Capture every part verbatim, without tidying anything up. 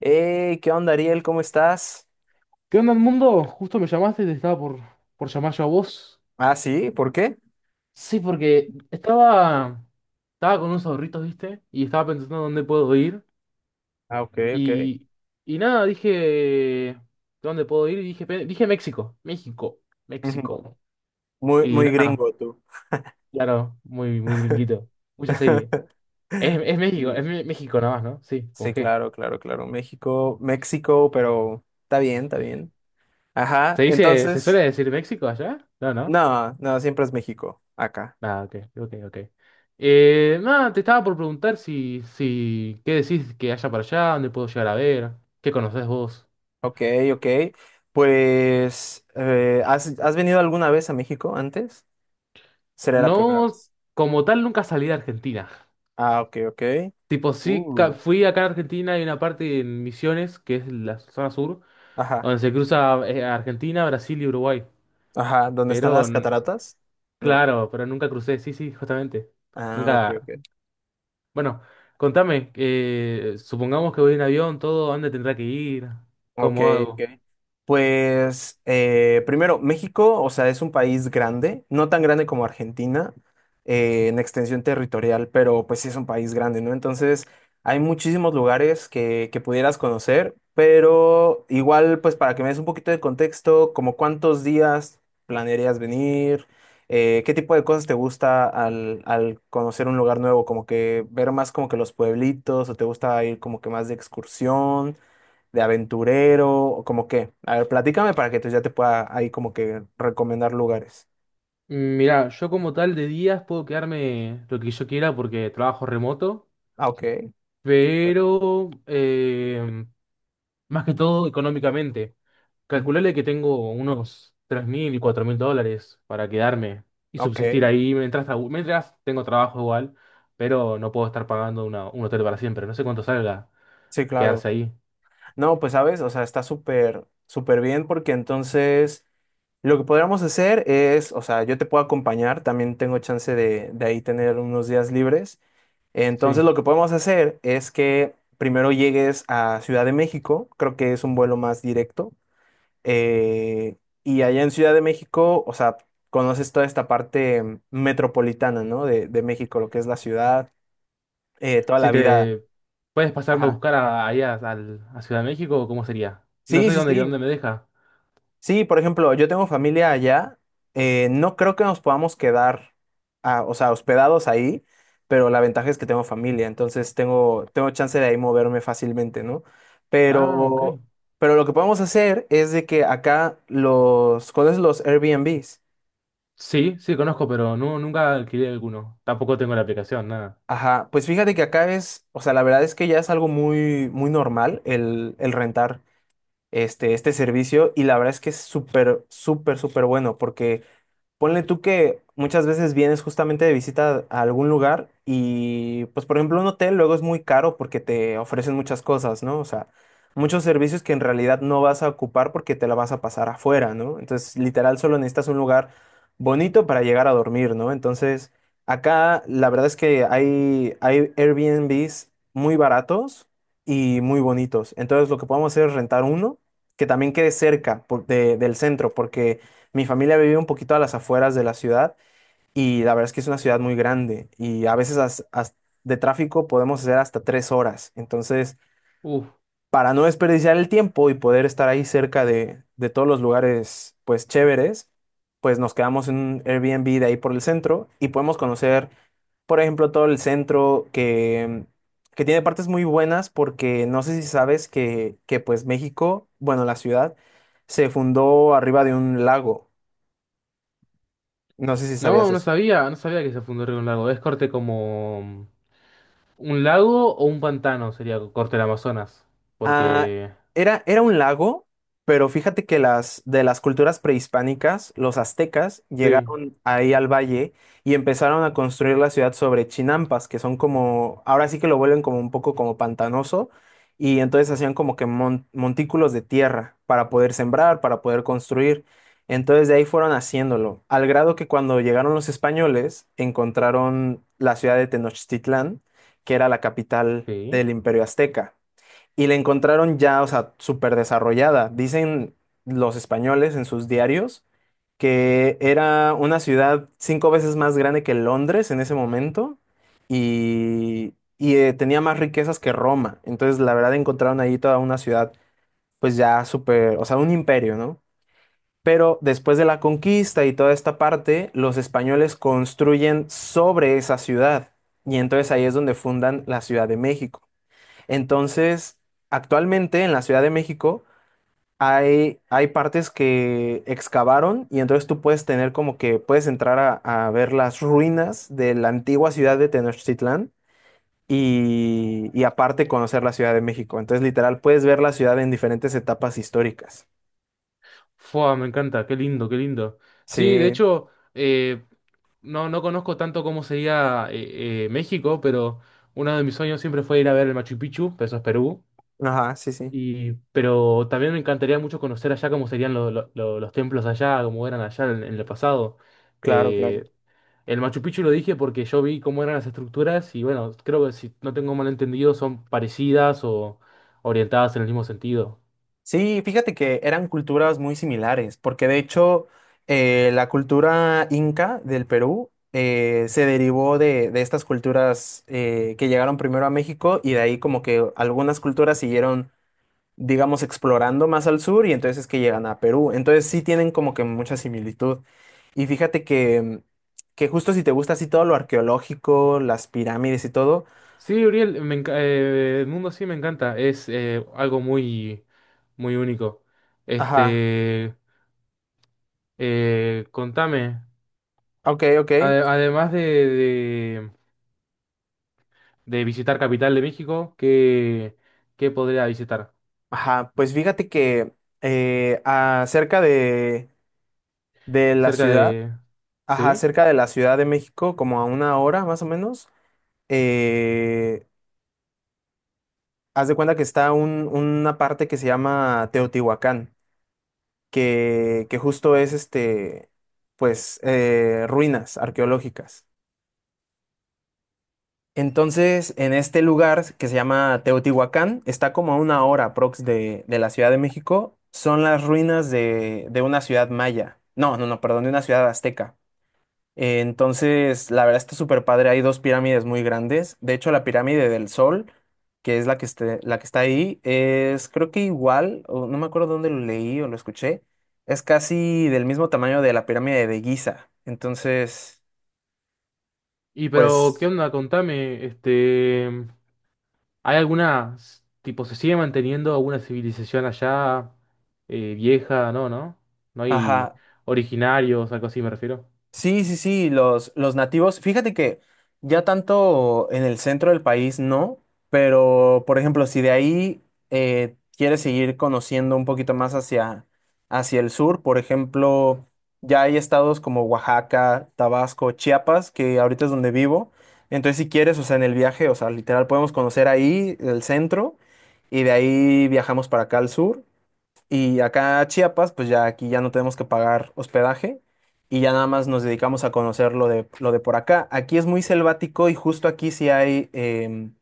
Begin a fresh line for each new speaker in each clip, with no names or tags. Hey, ¿qué onda, Ariel? ¿Cómo estás?
¿Qué onda, mundo? Justo me llamaste, te estaba por, por llamar yo a vos.
Ah, sí, ¿por qué?
Sí, porque estaba, estaba con unos ahorritos, ¿viste? Y estaba pensando dónde puedo ir.
Ah, ok, ok.
Y, y nada, dije, ¿dónde puedo ir? Y dije, pe- dije México, México,
Ujú.
México.
Muy,
Y
muy
nada,
gringo tú.
claro, muy, muy gringuito. Mucha serie. Es, es México, es Me- México nada más, ¿no? Sí, ¿con
Sí,
qué?
claro, claro, claro. México, México, pero está bien, está bien. Ajá,
¿Se dice, se suele
entonces,
decir México allá? No, ¿no?
no, no, siempre es México, acá.
Ah, ok, ok, ok. Eh, nada, te estaba por preguntar si, si, ¿qué decís que haya para allá? ¿Dónde puedo llegar a ver? ¿Qué conocés vos?
Ok, ok. Pues, eh, ¿has, has venido alguna vez a México antes? ¿Será la primera
No,
vez?
como tal, nunca salí de Argentina.
Ah, ok, ok.
Tipo, sí, ca-
Uh.
fui acá a Argentina, hay una parte en Misiones, que es la zona sur,
Ajá,
donde se cruza eh, Argentina, Brasil y Uruguay.
ajá. ¿Dónde están
Pero,
las
n-
cataratas? No.
claro, pero nunca crucé, sí, sí, justamente.
Ah, ok,
Nunca.
ok.
Bueno, contame, eh, supongamos que voy en avión, todo, ¿a ¿dónde tendrá que ir?
Ok,
¿Cómo
ok.
hago?
Pues eh, primero, México, o sea, es un país grande, no tan grande como Argentina eh, en extensión territorial, pero pues sí es un país grande, ¿no? Entonces, hay muchísimos lugares que, que pudieras conocer, pero igual, pues para que me des un poquito de contexto, como cuántos días planearías venir. Eh, qué tipo de cosas te gusta al, al conocer un lugar nuevo, como que ver más como que los pueblitos, o te gusta ir como que más de excursión, de aventurero, o como qué. A ver, platícame para que entonces ya te pueda ahí como que recomendar lugares.
Mm, Mirá, yo como tal de días puedo quedarme lo que yo quiera porque trabajo remoto,
Ah, ok.
pero eh, más que todo económicamente.
Ujú.
Calcularle que tengo unos tres mil y cuatro mil dólares para quedarme y
Ok,
subsistir ahí mientras, trabu- mientras tengo trabajo igual, pero no puedo estar pagando una- un hotel para siempre. No sé cuánto salga
sí, claro.
quedarse ahí.
No, pues sabes, o sea, está súper, súper bien porque entonces lo que podríamos hacer es, o sea, yo te puedo acompañar, también tengo chance de, de ahí tener unos días libres.
Sí.
Entonces lo que podemos hacer es que primero llegues a Ciudad de México, creo que es un vuelo más directo. Eh, y allá en Ciudad de México, o sea, conoces toda esta parte, mm, metropolitana, ¿no? De, de México, lo que es la ciudad, eh, toda
Si
la vida.
te puedes pasarme a
Ajá.
buscar a, allá al- a Ciudad de México, ¿cómo sería? No
Sí,
sé
sí,
dónde,
sí.
dónde me deja.
Sí, por ejemplo, yo tengo familia allá. Eh, no creo que nos podamos quedar, ah, o sea, hospedados ahí, pero la ventaja es que tengo familia, entonces tengo, tengo chance de ahí moverme fácilmente, ¿no?
Ah, ok.
Pero, pero lo que podemos hacer es de que acá los, ¿cuáles los Airbnbs?
Sí, sí, conozco, pero no, nunca alquilé alguno. Tampoco tengo la aplicación, nada.
Ajá, pues fíjate que acá es, o sea, la verdad es que ya es algo muy, muy normal el, el rentar este, este servicio, y la verdad es que es súper, súper, súper bueno porque ponle tú que muchas veces vienes justamente de visita a algún lugar y, pues, por ejemplo, un hotel luego es muy caro porque te ofrecen muchas cosas, ¿no? O sea, muchos servicios que en realidad no vas a ocupar porque te la vas a pasar afuera, ¿no? Entonces, literal, solo necesitas un lugar bonito para llegar a dormir, ¿no? Entonces, acá la verdad es que hay, hay Airbnbs muy baratos y muy bonitos. Entonces, lo que podemos hacer es rentar uno que también quede cerca por- de- del centro porque... Mi familia vive un poquito a las afueras de la ciudad y la verdad es que es una ciudad muy grande y a veces as- as- de tráfico podemos hacer hasta tres horas. Entonces,
Uf.
para no desperdiciar el tiempo y poder estar ahí cerca de, de todos los lugares, pues chéveres, pues nos quedamos en un Airbnb de ahí por el centro y podemos conocer, por ejemplo, todo el centro que, que tiene partes muy buenas porque no sé si sabes que, que pues México, bueno, la ciudad se fundó arriba de un lago. No sé si sabías
No, no
eso.
sabía, no sabía que se fundó Río un lago. Es corte como un lago o un pantano, sería corte del Amazonas.
Ah,
Porque.
era, era un lago, pero fíjate que las de las culturas prehispánicas, los aztecas
Sí,
llegaron ahí al valle y empezaron a construir la ciudad sobre chinampas, que son como, ahora sí que lo vuelven como un poco como pantanoso, y entonces hacían como que mon- montículos de tierra para poder sembrar, para poder construir. Entonces de ahí fueron haciéndolo, al grado que cuando llegaron los españoles encontraron la ciudad de Tenochtitlán, que era la capital
sí.
del Imperio Azteca, y la encontraron ya, o sea, súper desarrollada. Dicen los españoles en sus diarios que era una ciudad cinco veces más grande que Londres en ese momento y, y, eh, tenía más riquezas que Roma. Entonces, la verdad, encontraron ahí toda una ciudad, pues ya súper, o sea, un imperio, ¿no? Pero después de la conquista y toda esta parte, los españoles construyen sobre esa ciudad y entonces ahí es donde fundan la Ciudad de México. Entonces, actualmente en la Ciudad de México hay, hay partes que excavaron y entonces tú puedes tener como que puedes entrar a, a ver las ruinas de la antigua ciudad de Tenochtitlán y, y aparte conocer la Ciudad de México. Entonces, literal, puedes ver la ciudad en diferentes etapas históricas.
Fua, me encanta, qué lindo, qué lindo. Sí, de
Sí,
hecho, eh, no, no conozco tanto cómo sería eh, eh, México, pero uno de mis sueños siempre fue ir a ver el Machu Picchu, pero eso es Perú.
ajá, sí, sí,
Y, pero también me encantaría mucho conocer allá cómo serían lo- lo- lo- los templos allá, cómo eran allá en, en el pasado.
claro, claro.
Eh, el Machu Picchu lo dije porque yo vi cómo eran las estructuras y bueno, creo que si no tengo mal entendido son parecidas o orientadas en el mismo sentido.
Sí, fíjate que eran culturas muy similares, porque de hecho eh, la cultura inca del Perú, eh, se derivó de, de estas culturas eh, que llegaron primero a México y de ahí como que algunas culturas siguieron, digamos, explorando más al sur y entonces es que llegan a Perú. Entonces sí tienen como que mucha similitud. Y fíjate que, que justo si te gusta así todo lo arqueológico, las pirámides y todo,
Sí, Uriel, me enca- eh, el mundo sí me encanta, es eh, algo muy, muy único.
ajá,
Este, eh, contame,
ok, ok.
ade- además de, de visitar Capital de México, ¿qué, qué podría visitar?
Ajá, pues fíjate que eh, a- de, de la
Cerca
ciudad,
de...
ajá,
¿Sí?
cerca de la Ciudad de México, como a una hora más o menos, eh, haz de cuenta que está un- una parte que se llama Teotihuacán, que, que justo es este, pues, eh, ruinas arqueológicas. Entonces, en este lugar que se llama Teotihuacán, está como a una hora aprox de, de la Ciudad de México, son las ruinas de, de una ciudad maya. No, no, no, perdón, de una ciudad azteca. Eh, entonces, la verdad está súper padre, hay dos pirámides muy grandes. De hecho, la pirámide del Sol, que es la que, esté- la que está ahí, es creo que igual, o no me acuerdo dónde lo leí o lo escuché, es casi del mismo tamaño de la pirámide de Giza. Entonces,
Y pero, ¿qué
pues...
onda? Contame, este, ¿hay alguna, s- tipo, se sigue manteniendo alguna civilización allá eh, vieja? No, ¿no? No hay
Ajá,
originarios, algo así me refiero.
sí, sí, sí, los, los nativos. Fíjate que ya tanto en el centro del país no, pero por ejemplo, si de ahí eh, quieres seguir conociendo un poquito más hacia, hacia el sur, por ejemplo, ya hay estados como Oaxaca, Tabasco, Chiapas, que ahorita es donde vivo. Entonces, si quieres, o sea, en el viaje, o sea, literal podemos conocer ahí el centro y de ahí viajamos para acá al sur. Y acá a Chiapas, pues ya aquí ya no tenemos que pagar hospedaje y ya nada más nos dedicamos a conocer lo de, lo de por acá. Aquí es muy selvático y justo aquí sí hay em,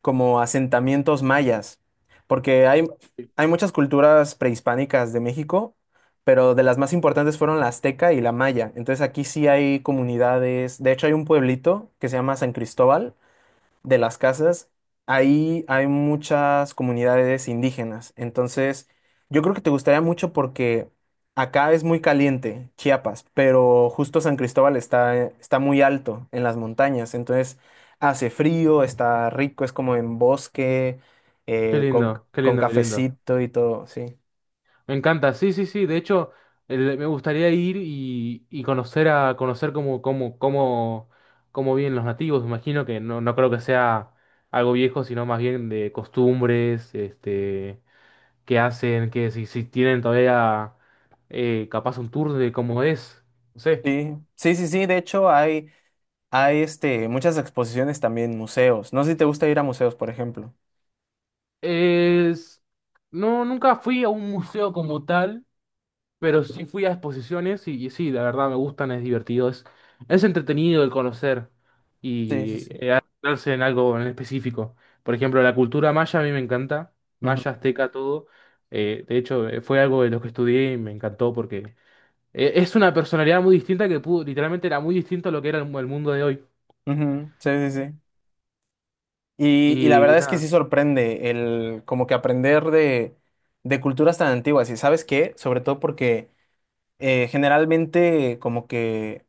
como asentamientos mayas, porque hay,
Sí.
hay muchas culturas prehispánicas de México, pero de las más importantes fueron la azteca y la maya. Entonces aquí sí hay comunidades, de hecho hay un pueblito que se llama San Cristóbal de las Casas, ahí hay muchas comunidades indígenas. Entonces, yo creo que te gustaría mucho porque acá es muy caliente, Chiapas, pero justo San Cristóbal está, está muy alto en las montañas. Entonces, hace frío, está rico, es como en bosque,
Qué
eh, con,
lindo, qué
con
lindo, qué lindo.
cafecito y todo, sí.
Me encanta, sí, sí, sí. De hecho, el- me gustaría ir y, y conocer a conocer cómo, cómo, cómo, cómo viven los nativos. Me imagino que no, no creo que sea algo viejo, sino más bien de costumbres, este, qué hacen, que si, si tienen todavía eh, capaz un tour de cómo es. No sé.
Sí, sí, sí, sí, de hecho hay, hay este, muchas exposiciones también, museos. No sé si te gusta ir a museos, por ejemplo.
Es, no, nunca fui a un museo como tal. Pero sí fui a exposiciones y, y sí, la verdad me gustan, es divertido, es, es entretenido el conocer
Sí, sí,
y
sí.
eh, adentrarse en algo en específico. Por ejemplo, la cultura maya a mí me encanta,
Ujú,
maya, azteca, todo. Eh, de hecho, eh, fue algo de lo que estudié y me encantó porque eh, es una personalidad muy distinta que pudo, literalmente era muy distinto a lo que era el, mu- el mundo de hoy.
ujú, sí, sí, sí. Y, y la
Y
verdad es que
nada.
sí sorprende el como que aprender de, de culturas tan antiguas. ¿Y sabes qué? Sobre todo porque eh, generalmente como que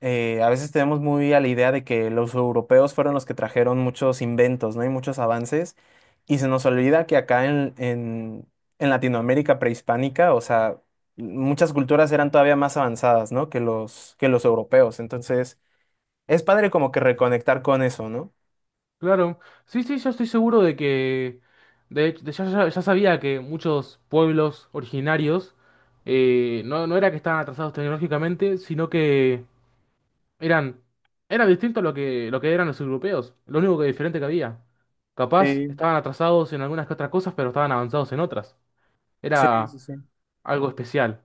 eh, a veces tenemos muy a la idea de que los europeos fueron los que trajeron muchos inventos, ¿no? Y muchos avances. Y se nos olvida que acá en, en, en Latinoamérica prehispánica, o sea, muchas culturas eran todavía más avanzadas, ¿no? Que los, que los europeos. Entonces, es padre como que reconectar con eso, ¿no?
Claro, sí, sí, yo estoy seguro de que, de hecho, de- ya, ya- ya sabía que muchos pueblos originarios eh, no, no era que estaban atrasados tecnológicamente, sino que eran, era distinto a lo que, lo que, eran los europeos, lo único que diferente que había. Capaz
Sí,
estaban atrasados en algunas que otras cosas, pero estaban avanzados en otras.
sí,
Era
sí, sí.
algo especial.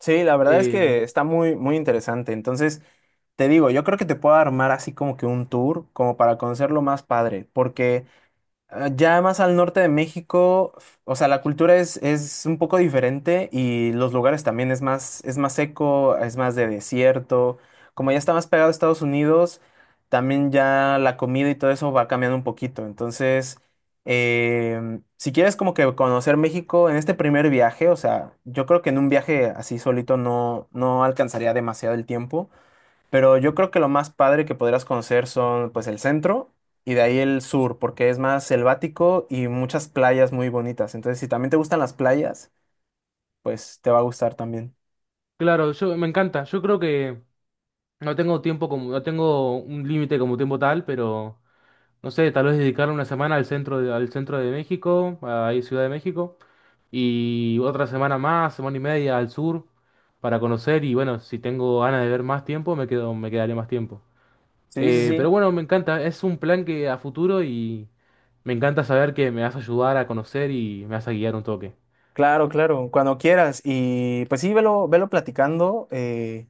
Sí, la verdad es
Eh,
que está muy, muy interesante. Entonces, te digo, yo creo que te puedo armar así como que un tour, como para conocerlo más padre, porque ah, ya más al norte de México, f- o sea, la cultura es, es un poco diferente y los lugares también es más, es más seco, es más de desierto. Como ya está más pegado a Estados Unidos, también ya la comida y todo eso va cambiando un poquito. Entonces, em, si quieres como que conocer México en este primer viaje, o sea, yo creo que en un viaje así solito no, no alcanzaría demasiado el tiempo. Pero yo creo que lo más padre que podrías conocer son pues el centro y de ahí el sur, porque es más selvático y muchas playas muy bonitas. Entonces, si también te gustan las playas, pues te va a gustar también.
claro, yo me encanta, yo creo que no tengo tiempo como, no tengo un límite como tiempo tal, pero... No sé, tal vez dedicar una semana al centro de, al centro de México, ahí Ciudad de México, y otra semana más, semana y media al sur para conocer y bueno, si tengo ganas de ver más tiempo, me quedo, me quedaré más tiempo.
Sí, sí,
Eh, pero
sí.
bueno, me encanta, es un plan que a futuro y me encanta saber que me vas a ayudar a conocer y me vas a guiar un toque.
Claro, claro. Cuando quieras. Y pues sí, velo, velo platicando eh,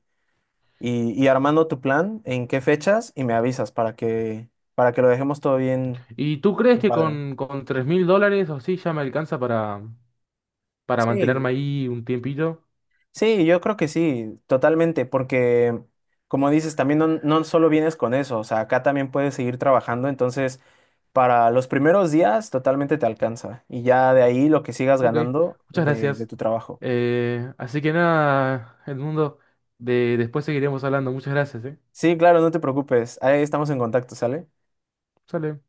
y, y armando tu plan, en qué fechas, y me avisas para que, para que lo dejemos todo bien,
¿Y tú crees
bien
que
padre.
con, con tres mil dólares o así ya me alcanza para, para mantenerme
Sí,
ahí un tiempito?
sí, yo creo que sí, totalmente, porque como dices, también no, no solo vienes con eso, o sea, acá también puedes seguir trabajando, entonces para los primeros días totalmente te alcanza y ya de ahí lo que sigas
Ok,
ganando
muchas
de, de
gracias.
tu trabajo.
Eh, así que nada, Edmundo, de, después seguiremos hablando. Muchas gracias, ¿eh?
Sí, claro, no te preocupes, ahí estamos en contacto, ¿sale?
Sale.